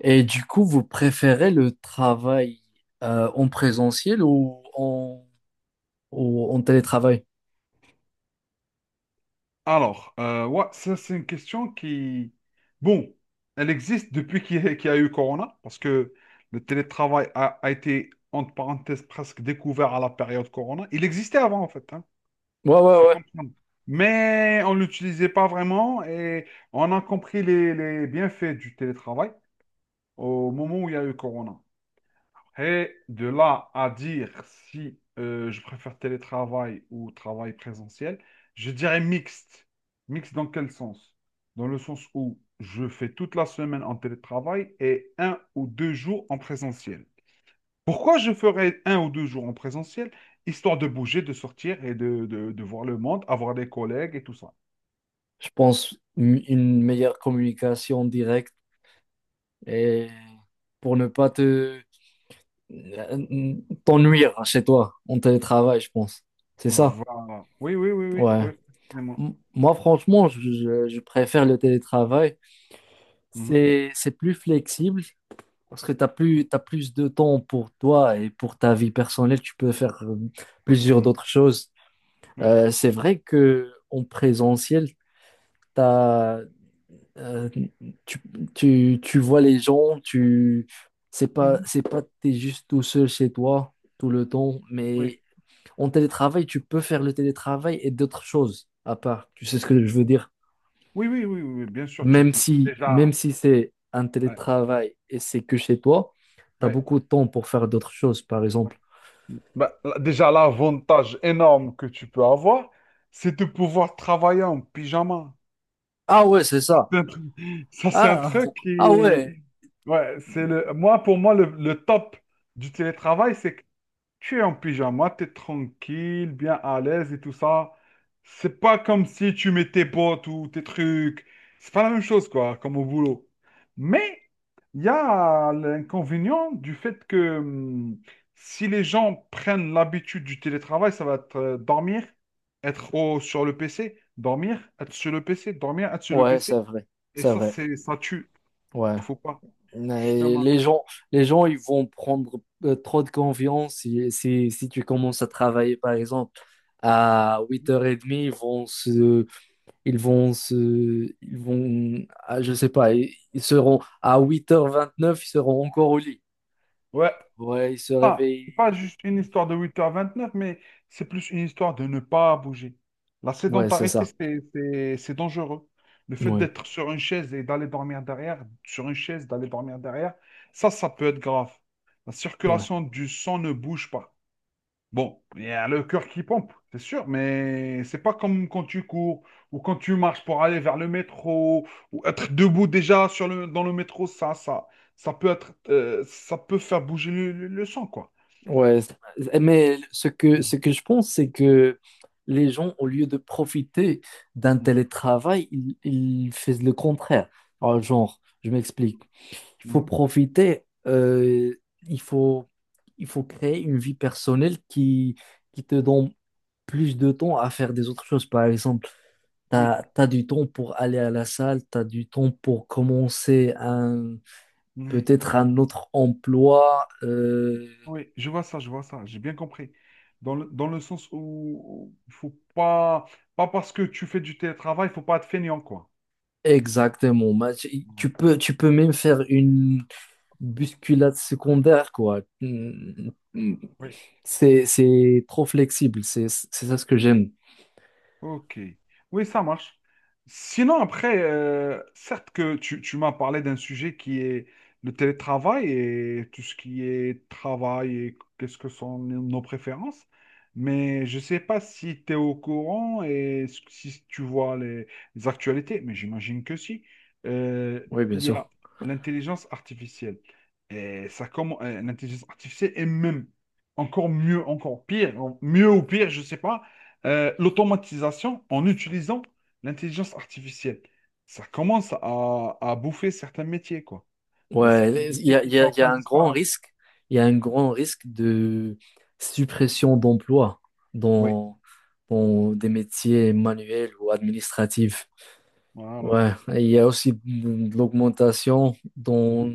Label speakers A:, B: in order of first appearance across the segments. A: Et du coup, vous préférez le travail en présentiel ou en télétravail?
B: Ouais, ça c'est une question qui, bon, elle existe depuis qu'il y a eu Corona, parce que le télétravail a été, entre parenthèses, presque découvert à la période Corona. Il existait avant, en fait, hein.
A: Ouais, ouais,
B: Faut
A: ouais.
B: comprendre. Mais on ne l'utilisait pas vraiment et on a compris les bienfaits du télétravail au moment où il y a eu Corona. Et de là à dire si je préfère télétravail ou travail présentiel, je dirais mixte. Mixte dans quel sens? Dans le sens où je fais toute la semaine en télétravail et un ou deux jours en présentiel. Pourquoi je ferais un ou deux jours en présentiel? Histoire de bouger, de sortir et de voir le monde, avoir des collègues et tout ça.
A: Je pense une meilleure communication directe et pour ne pas te euh, t'ennuyer chez toi en télétravail, je pense. C'est ça?
B: Voilà. Oui, oui, oui, oui,
A: Ouais.
B: oui. Vraiment.
A: Moi, franchement, je préfère le télétravail.
B: Mhm,
A: C'est plus flexible, parce que t'as plus de temps pour toi et pour ta vie personnelle, tu peux faire plusieurs
B: mhm,
A: d'autres choses.
B: oui,
A: C'est vrai que en présentiel, t'as, euh, tu, tu vois les gens, c'est pas,
B: mhm,
A: c'est pas, t'es juste tout seul chez toi tout le temps,
B: oui.
A: mais en télétravail, tu peux faire le télétravail et d'autres choses à part. Tu sais ce que je veux dire?
B: Oui, oui, oui, oui, oui, bien sûr, tu
A: Même
B: peux.
A: si, même
B: Déjà.
A: si c'est un
B: Ouais.
A: télétravail et c'est que chez toi, tu as
B: Oui,
A: beaucoup de temps pour faire d'autres choses. Par exemple,
B: ben, là, déjà, l'avantage énorme que tu peux avoir, c'est de pouvoir travailler en pyjama.
A: ah ouais, c'est
B: Ça,
A: ça.
B: c'est un truc. Ça, c'est un
A: Ah,
B: truc qui
A: ah
B: est...
A: ouais.
B: Ouais, Moi, pour moi, le top du télétravail, c'est que tu es en pyjama, tu es tranquille, bien à l'aise et tout ça. C'est pas comme si tu mets tes bottes ou tes trucs. C'est pas la même chose, quoi, comme au boulot. Mais il y a l'inconvénient du fait que si les gens prennent l'habitude du télétravail, ça va être dormir, être sur le PC, dormir, être sur le PC, dormir, être sur le
A: Ouais, c'est
B: PC.
A: vrai.
B: Et
A: C'est
B: ça,
A: vrai.
B: ça tue.
A: Ouais.
B: Faut pas,
A: Mais
B: justement.
A: les gens, ils vont prendre trop de confiance si tu commences à travailler, par exemple, à 8h30, ils vont se, ah, je sais pas, ils seront à 8h29, ils seront encore au lit.
B: Ouais.
A: Ouais, ils se
B: pas, C'est pas
A: réveillent.
B: juste une histoire de 8h29, mais c'est plus une histoire de ne pas bouger. La
A: Ouais, c'est
B: sédentarité,
A: ça.
B: c'est dangereux. Le fait
A: Ouais,
B: d'être sur une chaise et d'aller dormir derrière, sur une chaise, d'aller dormir derrière, ça peut être grave. La
A: ouais.
B: circulation du sang ne bouge pas. Bon, il y a le cœur qui pompe, c'est sûr, mais c'est pas comme quand tu cours ou quand tu marches pour aller vers le métro ou être debout déjà sur le, dans le métro, ça peut être, ça peut faire bouger le sang, quoi.
A: Ouais, mais ce que,
B: Mhm.
A: ce que je pense, c'est que les gens, au lieu de profiter d'un télétravail, ils font le contraire. Alors, genre, je m'explique. Il faut
B: Mhm.
A: profiter, il faut, il faut créer une vie personnelle qui te donne plus de temps à faire des autres choses. Par exemple, tu
B: Oui,
A: as du temps pour aller à la salle, tu as du temps pour commencer
B: oui, ouais.
A: peut-être un autre emploi.
B: Oui, je vois ça, j'ai bien compris. Dans le sens où il faut pas, parce que tu fais du télétravail, il faut pas être feignant quoi.
A: Exactement. Bah, tu tu
B: Voilà.
A: peux, tu peux même faire une bousculade secondaire, quoi. Mm, mm. C'est trop flexible. C'est ça ce que j'aime.
B: Ok. Oui, ça marche. Sinon, après, certes que tu m'as parlé d'un sujet qui est le télétravail et tout ce qui est travail et qu'est-ce que sont nos préférences, mais je ne sais pas si tu es au courant et si tu vois les actualités, mais j'imagine que si. Euh,
A: Oui, bien
B: il y a
A: sûr.
B: l'intelligence artificielle. Et ça commence, l'intelligence artificielle est même encore mieux, encore pire, mieux ou pire, je ne sais pas l'automatisation en utilisant l'intelligence artificielle. Ça commence à bouffer certains métiers, quoi. Il y a certains
A: Ouais,
B: métiers qui sont en
A: il y
B: train
A: a
B: de
A: un grand
B: disparaître.
A: risque. Il y a un grand risque de suppression d'emplois
B: Oui,
A: dans, dans des métiers manuels ou administratifs.
B: voilà.
A: Ouais, et il y a aussi de l'augmentation
B: Mhm.
A: dans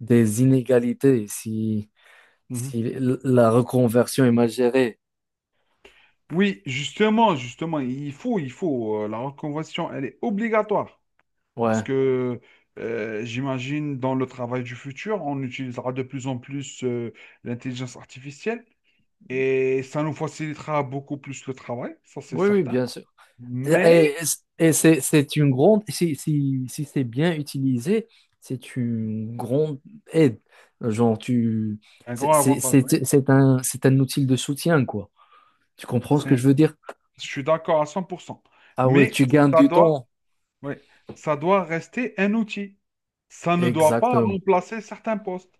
A: des inégalités. Si,
B: Mhm.
A: Si l- la reconversion est mal gérée.
B: Oui, justement, justement, il faut, la reconversion, elle est obligatoire parce
A: Ouais.
B: que j'imagine dans le travail du futur, on utilisera de plus en plus l'intelligence artificielle et ça nous facilitera beaucoup plus le travail, ça c'est
A: Oui, oui,
B: certain.
A: bien sûr. Et,
B: Mais
A: et- et c'est une grande, si c'est bien utilisé, c'est une grande aide. Genre,
B: un
A: c'est
B: grand
A: c'est-
B: avantage.
A: c'est- c'est un, c'est un outil de soutien, quoi. Tu comprends ce que
B: C'est-
A: je veux dire?
B: Je suis d'accord à 100%.
A: Ah ouais,
B: Mais
A: tu gagnes
B: ça
A: du
B: doit,
A: temps.
B: oui, ça doit rester un outil. Ça ne doit pas
A: Exactement,
B: remplacer certains postes.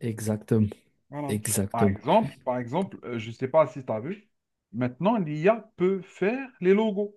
A: exactement,
B: Voilà.
A: exactement.
B: Par exemple, je ne sais pas si tu as vu, maintenant l'IA peut faire les logos.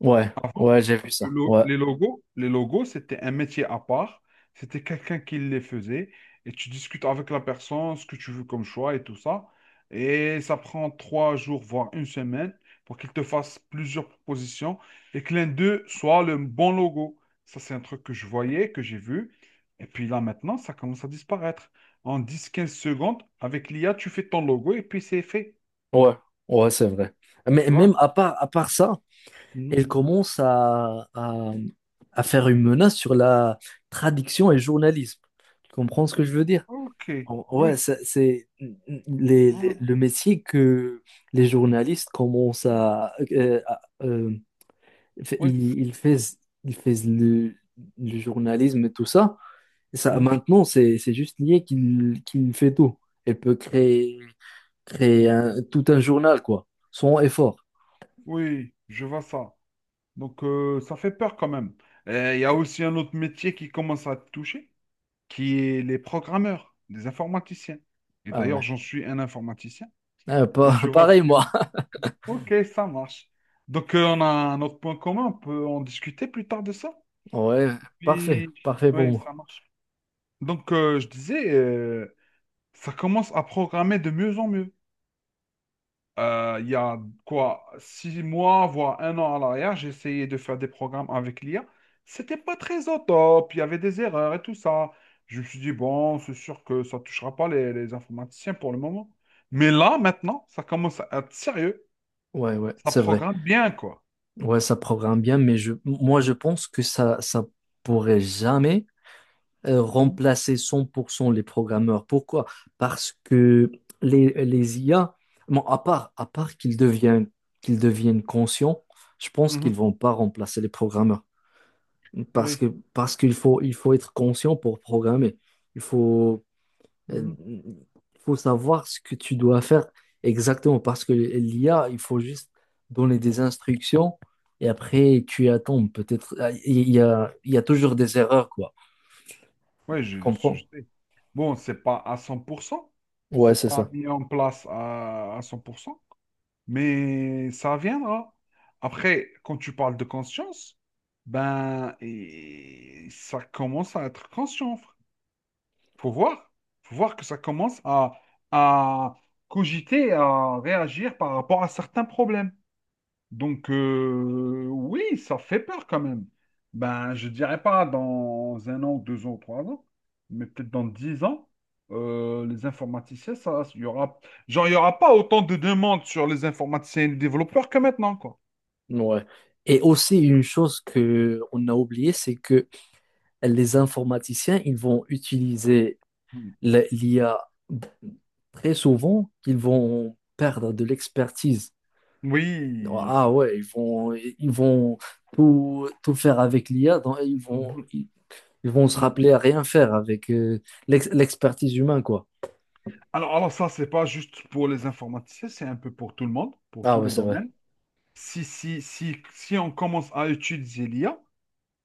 A: Ouais, ouais, j'ai vu ça. Ouais,
B: Les logos, les logos, c'était un métier à part. C'était quelqu'un qui les faisait. Et tu discutes avec la personne, ce que tu veux comme choix et tout ça. Et ça prend 3 jours, voire une semaine, pour qu'il te fasse plusieurs propositions et que l'un d'eux soit le bon logo. Ça, c'est un truc que je voyais, que j'ai vu. Et puis là, maintenant, ça commence à disparaître. En dix quinze secondes, avec l'IA, tu fais ton logo et puis c'est fait.
A: ouais, ouais, c'est vrai. Mais
B: Tu vois?
A: même à part ça,
B: Mhm.
A: elle commence à faire une menace sur la traduction et journalisme. Tu comprends ce que je veux dire?
B: Ok.
A: Ouais,
B: Oui. Voilà.
A: le métier que les journalistes commencent. Fait-
B: Oui.
A: ils, ils fais- Ils fais le journalisme et tout ça. Et ça,
B: Mhm.
A: maintenant, c'est juste lié qu'il fait tout. Elle peut créer, créer
B: Ouais.
A: un- tout un journal, quoi, sans effort.
B: Oui, je vois ça. Donc, ça fait peur quand même. Et il y a aussi un autre métier qui commence à te toucher, qui est les programmeurs, les informaticiens. Et
A: Ah ouais.
B: d'ailleurs, j'en suis un informaticien
A: Ah,
B: et je vois ce
A: pareil,
B: qui...
A: moi.
B: Ok, ça marche. Donc, on a un autre point commun, on peut en discuter plus tard de ça.
A: Ouais, parfait,
B: Puis,
A: parfait pour
B: oui,
A: moi.
B: ça marche. Donc, je disais, ça commence à programmer de mieux en mieux. Il y a quoi, 6 mois, voire un an à l'arrière, j'ai essayé de faire des programmes avec l'IA. C'était pas très au top, il y avait des erreurs et tout ça. Je me suis dit, bon, c'est sûr que ça touchera pas les informaticiens pour le moment. Mais là, maintenant, ça commence à être sérieux.
A: Ouais, ouais,
B: Ça
A: c'est vrai.
B: programme bien, quoi.
A: Ouais, ça programme bien, mais moi, je pense que ça pourrait jamais
B: Mhm,
A: remplacer 100% les programmeurs. Pourquoi? Parce que les IA, bon, à part qu'ils deviennent conscients, je pense
B: mhm,
A: qu'ils vont pas remplacer les programmeurs. Parce
B: oui,
A: que, parce qu'il faut être conscient pour programmer. Il faut Euh,
B: mhm.
A: Il faut savoir ce que tu dois faire exactement parce que l'IA, il faut juste donner des instructions et après tu attends. Peut-être ah, il y a toujours des erreurs, quoi.
B: Oui,
A: Tu
B: je, je-
A: comprends?
B: je sais. Bon, c'est pas à 100%.
A: Ouais,
B: C'est
A: c'est
B: pas
A: ça.
B: mis en place à 100%. Mais ça viendra. Après, quand tu parles de conscience, ben, et ça commence à être conscient. Faut voir. Faut voir que ça commence à cogiter, à réagir par rapport à certains problèmes. Donc, oui, ça fait peur quand même. Ben, je dirais pas dans un an, deux ans, trois ans, mais peut-être dans 10 ans, les informaticiens, ça, genre, il y aura pas autant de demandes sur les informaticiens et les développeurs que maintenant, quoi.
A: Ouais. Et aussi une chose que on a oublié, c'est que les informaticiens, ils vont utiliser
B: Mm.
A: l'IA très souvent, ils vont perdre de l'expertise.
B: Oui.
A: Ah ouais, ils vont tout, tout faire avec l'IA, donc ils vont,
B: Mhm,
A: ils, ils vont se
B: mhm.
A: rappeler à rien faire avec l'expertise humaine, quoi.
B: Alors, ça, c'est pas juste pour les informaticiens, c'est un peu pour tout le monde, pour
A: Ah
B: tous
A: ouais,
B: les
A: c'est vrai.
B: domaines. Si on commence à utiliser l'IA,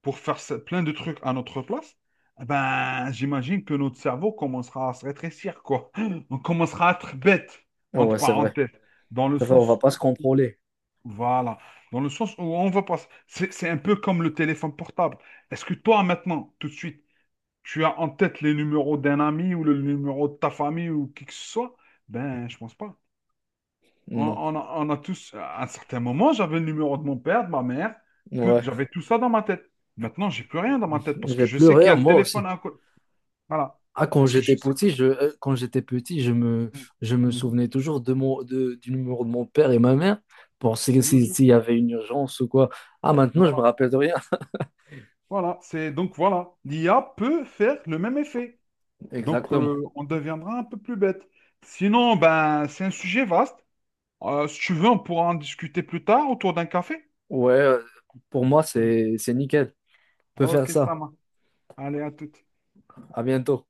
B: pour faire plein de trucs à notre place, eh ben, j'imagine que notre cerveau commencera à se rétrécir, quoi. On commencera à être bête,
A: Ah
B: entre
A: ouais, c'est vrai.
B: parenthèses, dans le
A: C'est vrai, on va
B: sens,
A: pas se contrôler.
B: voilà, dans le sens où on va passer. C'est un peu comme le téléphone portable. Est-ce que toi, maintenant, tout de suite, tu as en tête les numéros d'un ami ou le numéro de ta famille ou qui que ce soit? Ben, je pense pas. On,
A: Non.
B: on a, on a tous, à un certain moment, j'avais le numéro de mon père, de ma mère,
A: Ouais.
B: j'avais tout ça dans ma tête. Maintenant, j'ai plus rien dans ma tête parce que
A: J'ai
B: je sais
A: pleuré,
B: qu'il y a le
A: moi
B: téléphone
A: aussi.
B: à côté. Voilà.
A: Ah, quand
B: Parce que je
A: j'étais
B: sais.
A: petit, je me,
B: Mhm.
A: je me
B: Mhm.
A: souvenais toujours de du numéro de mon père et ma mère pour
B: C'est logique.
A: s'il y avait une urgence ou quoi. Ah, maintenant, je me
B: Voilà.
A: rappelle de rien.
B: Voilà. C'est donc voilà. L'IA peut faire le même effet. Donc,
A: Exactement.
B: on deviendra un peu plus bête. Sinon, ben, c'est un sujet vaste. Si tu veux, on pourra en discuter plus tard autour d'un café.
A: Ouais, pour moi, c'est nickel. Peut faire
B: Ok, ça
A: ça.
B: marche. Allez, à tout.
A: À bientôt.